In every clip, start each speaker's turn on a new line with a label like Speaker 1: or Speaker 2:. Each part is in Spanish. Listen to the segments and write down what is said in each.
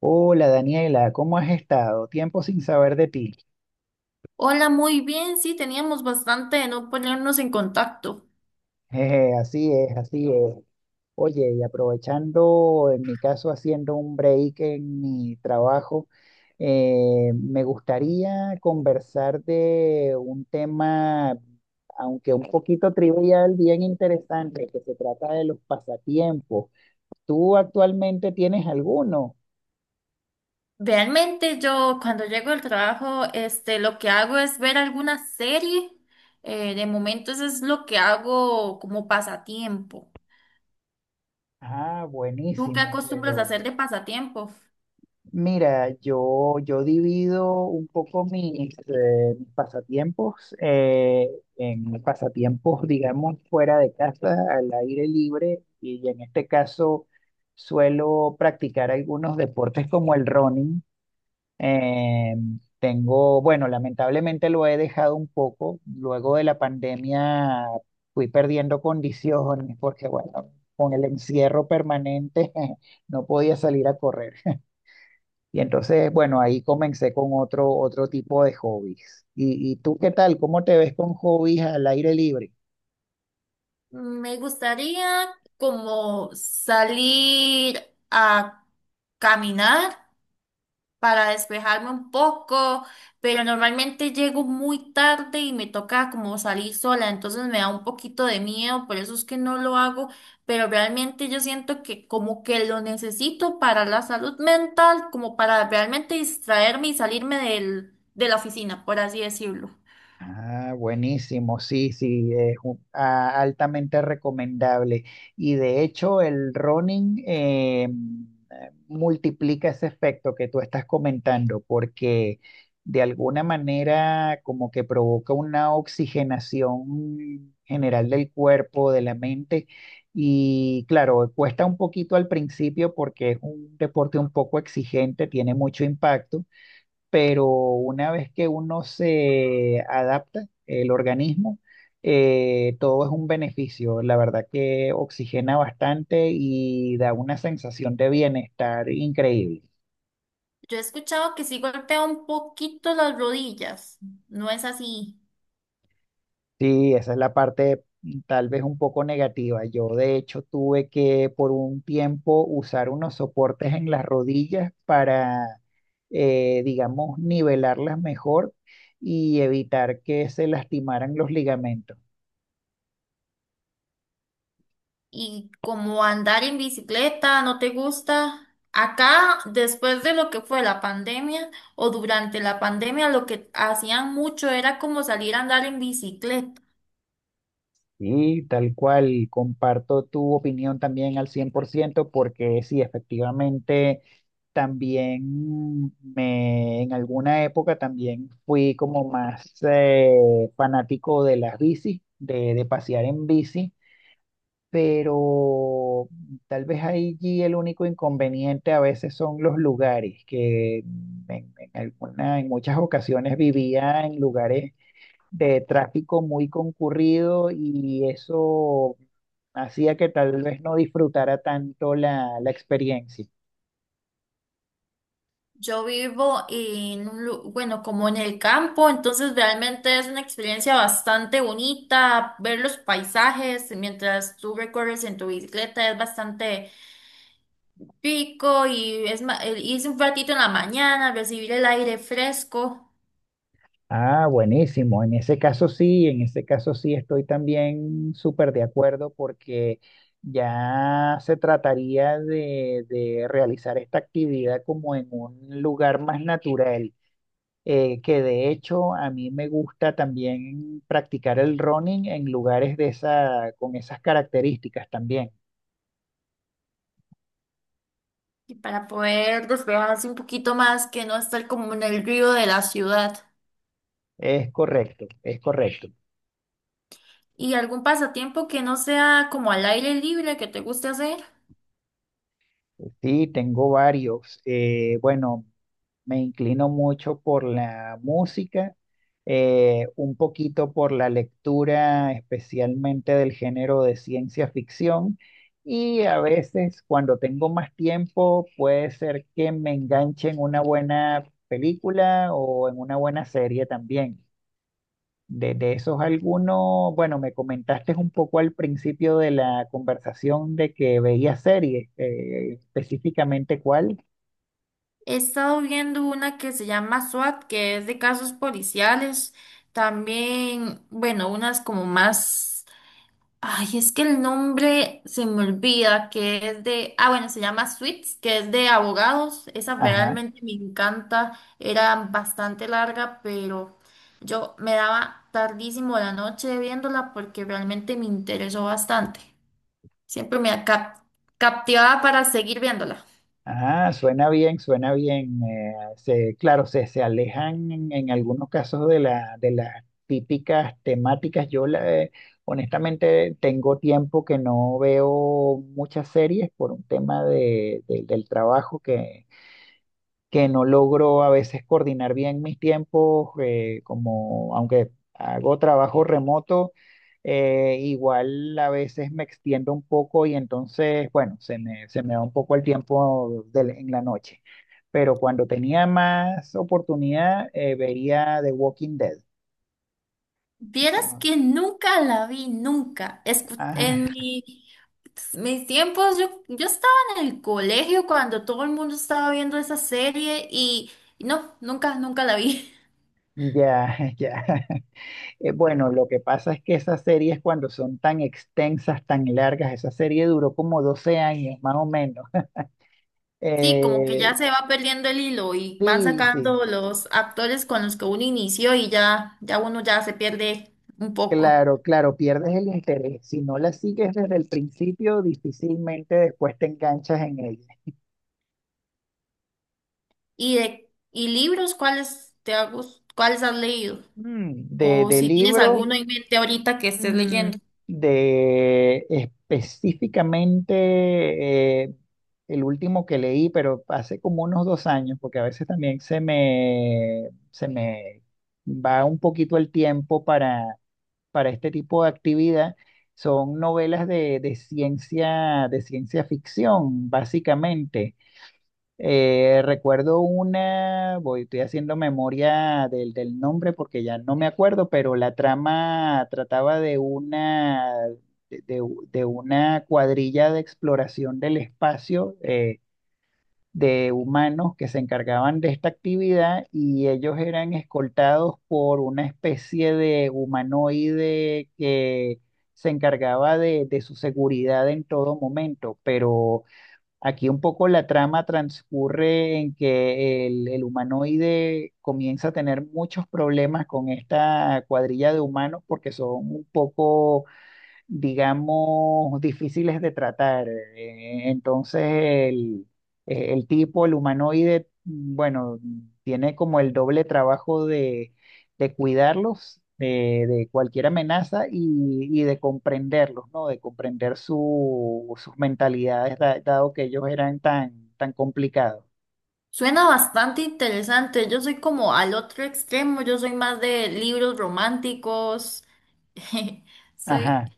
Speaker 1: Hola Daniela, ¿cómo has estado? Tiempo sin saber de ti.
Speaker 2: Hola, muy bien, sí, teníamos bastante de no ponernos en contacto.
Speaker 1: Jeje, así es, así es. Oye, y aprovechando, en mi caso, haciendo un break en mi trabajo, me gustaría conversar de un tema, aunque un poquito trivial, bien interesante, que se trata de los pasatiempos. ¿Tú actualmente tienes alguno?
Speaker 2: Realmente yo cuando llego al trabajo, lo que hago es ver alguna serie. De momento eso es lo que hago como pasatiempo.
Speaker 1: Ah,
Speaker 2: ¿Tú qué
Speaker 1: buenísimo,
Speaker 2: acostumbras a
Speaker 1: pero...
Speaker 2: hacer de pasatiempo?
Speaker 1: Mira, yo divido un poco mis pasatiempos en pasatiempos, digamos, fuera de casa, al aire libre, y en este caso suelo practicar algunos deportes como el running. Eh, Tengo, bueno, lamentablemente lo he dejado un poco. Luego de la pandemia fui perdiendo condiciones porque, bueno, con el encierro permanente no podía salir a correr. Y entonces, bueno, ahí comencé con otro tipo de hobbies. ¿Y tú qué tal? ¿Cómo te ves con hobbies al aire libre?
Speaker 2: Me gustaría como salir a caminar para despejarme un poco, pero normalmente llego muy tarde y me toca como salir sola, entonces me da un poquito de miedo, por eso es que no lo hago, pero realmente yo siento que como que lo necesito para la salud mental, como para realmente distraerme y salirme de la oficina, por así decirlo.
Speaker 1: Ah, buenísimo, sí, sí, es altamente recomendable. Y de hecho, el running multiplica ese efecto que tú estás comentando, porque de alguna manera como que provoca una oxigenación general del cuerpo, de la mente. Y claro, cuesta un poquito al principio porque es un deporte un poco exigente, tiene mucho impacto, pero una vez que uno se adapta, el organismo, todo es un beneficio. La verdad que oxigena bastante y da una sensación de bienestar increíble.
Speaker 2: Yo he escuchado que sí golpea un poquito las rodillas, ¿no es así?
Speaker 1: Sí, esa es la parte tal vez un poco negativa. Yo de hecho tuve que por un tiempo usar unos soportes en las rodillas para, digamos, nivelarlas mejor y evitar que se lastimaran los ligamentos.
Speaker 2: Y como andar en bicicleta no te gusta, acá después de lo que fue la pandemia o durante la pandemia, lo que hacían mucho era como salir a andar en bicicleta.
Speaker 1: Sí, tal cual, comparto tu opinión también al 100% porque sí, efectivamente, también me, en alguna época también fui como más fanático de las bicis, de pasear en bici, pero tal vez allí el único inconveniente a veces son los lugares, que en alguna, en muchas ocasiones vivía en lugares de tráfico muy concurrido y eso hacía que tal vez no disfrutara tanto la experiencia.
Speaker 2: Yo vivo en un, bueno, como en el campo, entonces realmente es una experiencia bastante bonita ver los paisajes mientras tú recorres en tu bicicleta, es bastante pico y es el irse un ratito en la mañana, recibir el aire fresco.
Speaker 1: Ah, buenísimo. En ese caso sí, en ese caso sí estoy también súper de acuerdo porque ya se trataría de realizar esta actividad como en un lugar más natural. Que de hecho a mí me gusta también practicar el running en lugares de esa, con esas características también.
Speaker 2: Y para poder despejarse un poquito más, que no estar como en el río de la ciudad.
Speaker 1: Es correcto, es correcto.
Speaker 2: ¿Y algún pasatiempo que no sea como al aire libre que te guste hacer?
Speaker 1: Sí, tengo varios. Bueno, me inclino mucho por la música, un poquito por la lectura, especialmente del género de ciencia ficción. Y a veces, cuando tengo más tiempo, puede ser que me enganche en una buena película o en una buena serie también. De esos algunos, bueno, me comentaste un poco al principio de la conversación de que veías series, específicamente cuál.
Speaker 2: He estado viendo una que se llama SWAT, que es de casos policiales. También, bueno, unas como más. Ay, es que el nombre se me olvida, que es de, ah, bueno, se llama Suits, que es de abogados. Esa
Speaker 1: Ajá,
Speaker 2: realmente me encanta. Era bastante larga, pero yo me daba tardísimo la noche viéndola porque realmente me interesó bastante. Siempre me captivaba para seguir viéndola.
Speaker 1: ajá, suena bien, suena bien. Claro, se alejan en algunos casos de de las típicas temáticas. Honestamente tengo tiempo que no veo muchas series por un tema del trabajo, que no logro a veces coordinar bien mis tiempos, como aunque hago trabajo remoto, igual a veces me extiendo un poco y entonces, bueno, se me va un poco el tiempo en la noche. Pero cuando tenía más oportunidad, vería The Walking Dead.
Speaker 2: Vieras
Speaker 1: ¿No?
Speaker 2: que nunca la vi, nunca. En
Speaker 1: Ah,
Speaker 2: mi, mis tiempos, yo estaba en el colegio cuando todo el mundo estaba viendo esa serie y no, nunca, nunca la vi.
Speaker 1: ya, ya. Bueno, lo que pasa es que esas series cuando son tan extensas, tan largas, esa serie duró como 12 años, más o menos.
Speaker 2: Sí, como que
Speaker 1: Eh,
Speaker 2: ya se va perdiendo el hilo y van
Speaker 1: sí, sí,
Speaker 2: sacando los actores con los que uno inició y ya, ya uno ya se pierde un poco.
Speaker 1: claro, claro, pierdes el interés. Si no la sigues desde el principio, difícilmente después te enganchas en ella.
Speaker 2: ¿Y de, y libros, cuáles cuáles has leído? O
Speaker 1: De
Speaker 2: si tienes
Speaker 1: libro,
Speaker 2: alguno en mente ahorita que estés
Speaker 1: mm,
Speaker 2: leyendo.
Speaker 1: de específicamente el último que leí, pero hace como unos 2 años, porque a veces también se me va un poquito el tiempo para este tipo de actividad, son novelas de ciencia ficción, básicamente. Recuerdo una, voy, estoy haciendo memoria del nombre porque ya no me acuerdo, pero la trama trataba de una, de, de de una cuadrilla de exploración del espacio. De humanos que se encargaban de esta actividad y ellos eran escoltados por una especie de humanoide que se encargaba de su seguridad en todo momento, pero aquí un poco la trama transcurre en que el humanoide comienza a tener muchos problemas con esta cuadrilla de humanos porque son un poco, digamos, difíciles de tratar. Entonces, el tipo, el humanoide, bueno, tiene como el doble trabajo de cuidarlos de cualquier amenaza y de comprenderlos, ¿no? De comprender su, sus mentalidades, dado que ellos eran tan, tan complicados.
Speaker 2: Suena bastante interesante. Yo soy como al otro extremo. Yo soy más de libros románticos. Soy,
Speaker 1: Ajá,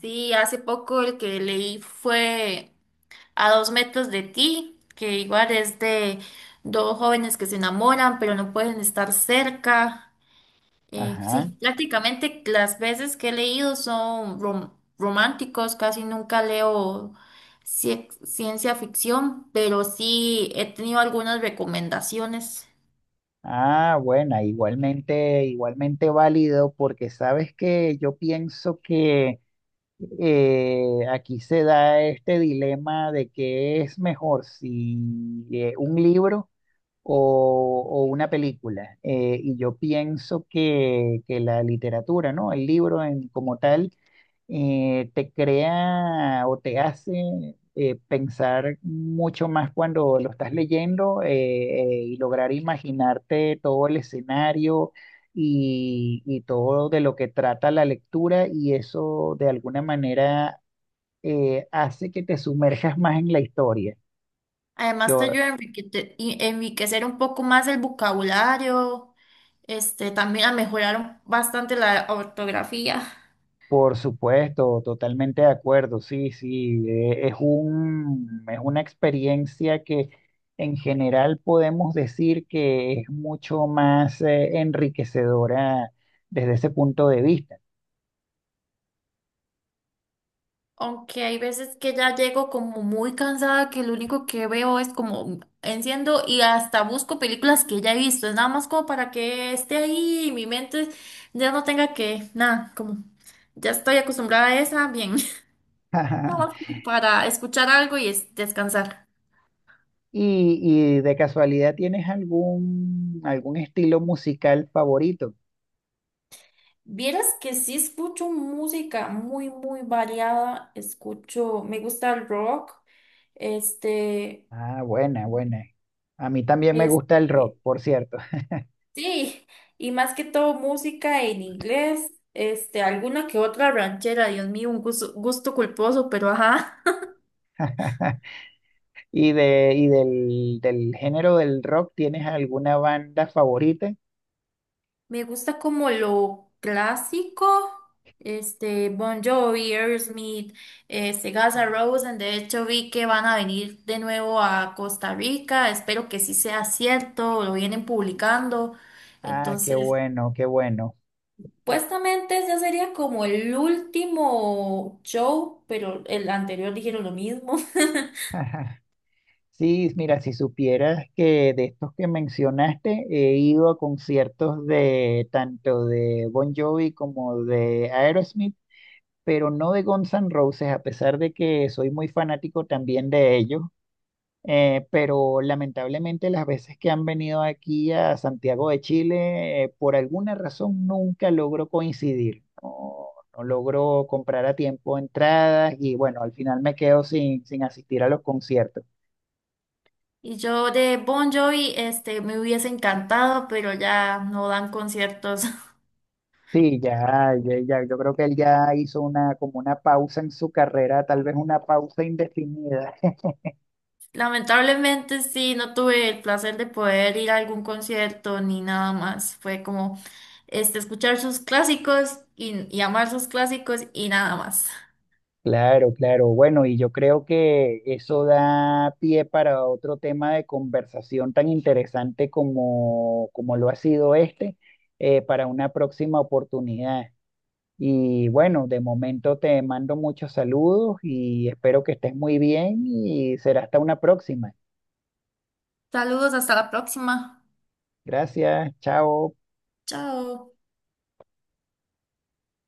Speaker 2: sí, hace poco el que leí fue A dos metros de ti, que igual es de dos jóvenes que se enamoran, pero no pueden estar cerca.
Speaker 1: ajá.
Speaker 2: Sí, prácticamente las veces que he leído son románticos, casi nunca leo ciencia ficción, pero sí he tenido algunas recomendaciones.
Speaker 1: Ah, bueno, igualmente, igualmente válido, porque sabes que yo pienso que aquí se da este dilema de que es mejor, si un libro o una película. Y yo pienso que la literatura, ¿no? El libro en, como tal, te crea o te hace pensar mucho más cuando lo estás leyendo, y lograr imaginarte todo el escenario y todo de lo que trata la lectura y eso de alguna manera hace que te sumerjas más en la historia.
Speaker 2: Además te
Speaker 1: Yo,
Speaker 2: ayuda a enriquecer un poco más el vocabulario, también a mejorar bastante la ortografía.
Speaker 1: por supuesto, totalmente de acuerdo, sí, sí, es un, es una experiencia que en general podemos decir que es mucho más enriquecedora desde ese punto de vista.
Speaker 2: Aunque hay veces que ya llego como muy cansada, que lo único que veo es como enciendo y hasta busco películas que ya he visto. Es nada más como para que esté ahí y mi mente ya no tenga que, nada, como ya estoy acostumbrada a esa, bien. Nada más como para escuchar algo y descansar.
Speaker 1: ¿Y, y de casualidad tienes algún, algún estilo musical favorito?
Speaker 2: Vieras que sí escucho música muy, muy variada. Escucho, me gusta el rock, este,
Speaker 1: Ah, buena, buena. A mí también me gusta el
Speaker 2: este.
Speaker 1: rock, por cierto.
Speaker 2: Sí, y más que todo música en inglés, alguna que otra ranchera, Dios mío, un gusto, gusto culposo, pero ajá.
Speaker 1: ¿Y, de, y del género del rock tienes alguna banda favorita?
Speaker 2: Me gusta como lo clásico, Bon Jovi, Aerosmith, Guns N' Roses, de hecho vi que van a venir de nuevo a Costa Rica, espero que sí sea cierto, lo vienen publicando,
Speaker 1: Ah, qué
Speaker 2: entonces...
Speaker 1: bueno, qué bueno.
Speaker 2: Supuestamente ya sería como el último show, pero el anterior dijeron lo mismo.
Speaker 1: Sí, mira, si supieras que de estos que mencionaste, he ido a conciertos de tanto de Bon Jovi como de Aerosmith, pero no de Guns N' Roses, a pesar de que soy muy fanático también de ellos. Pero lamentablemente las veces que han venido aquí a Santiago de Chile, por alguna razón nunca logro coincidir. No, no logro comprar a tiempo entradas y bueno, al final me quedo sin, sin asistir a los conciertos.
Speaker 2: Y yo de Bon Jovi, me hubiese encantado, pero ya no dan conciertos.
Speaker 1: Sí, ya, ya, ya, yo creo que él ya hizo una, como una pausa en su carrera, tal vez una pausa indefinida.
Speaker 2: Lamentablemente sí, no tuve el placer de poder ir a algún concierto ni nada más. Fue como, escuchar sus clásicos y amar sus clásicos y nada más.
Speaker 1: Claro, claro. Bueno, y yo creo que eso da pie para otro tema de conversación tan interesante como, como lo ha sido este, para una próxima oportunidad. Y bueno, de momento te mando muchos saludos y espero que estés muy bien y será hasta una próxima.
Speaker 2: Saludos, hasta la próxima.
Speaker 1: Gracias, chao.
Speaker 2: Chao.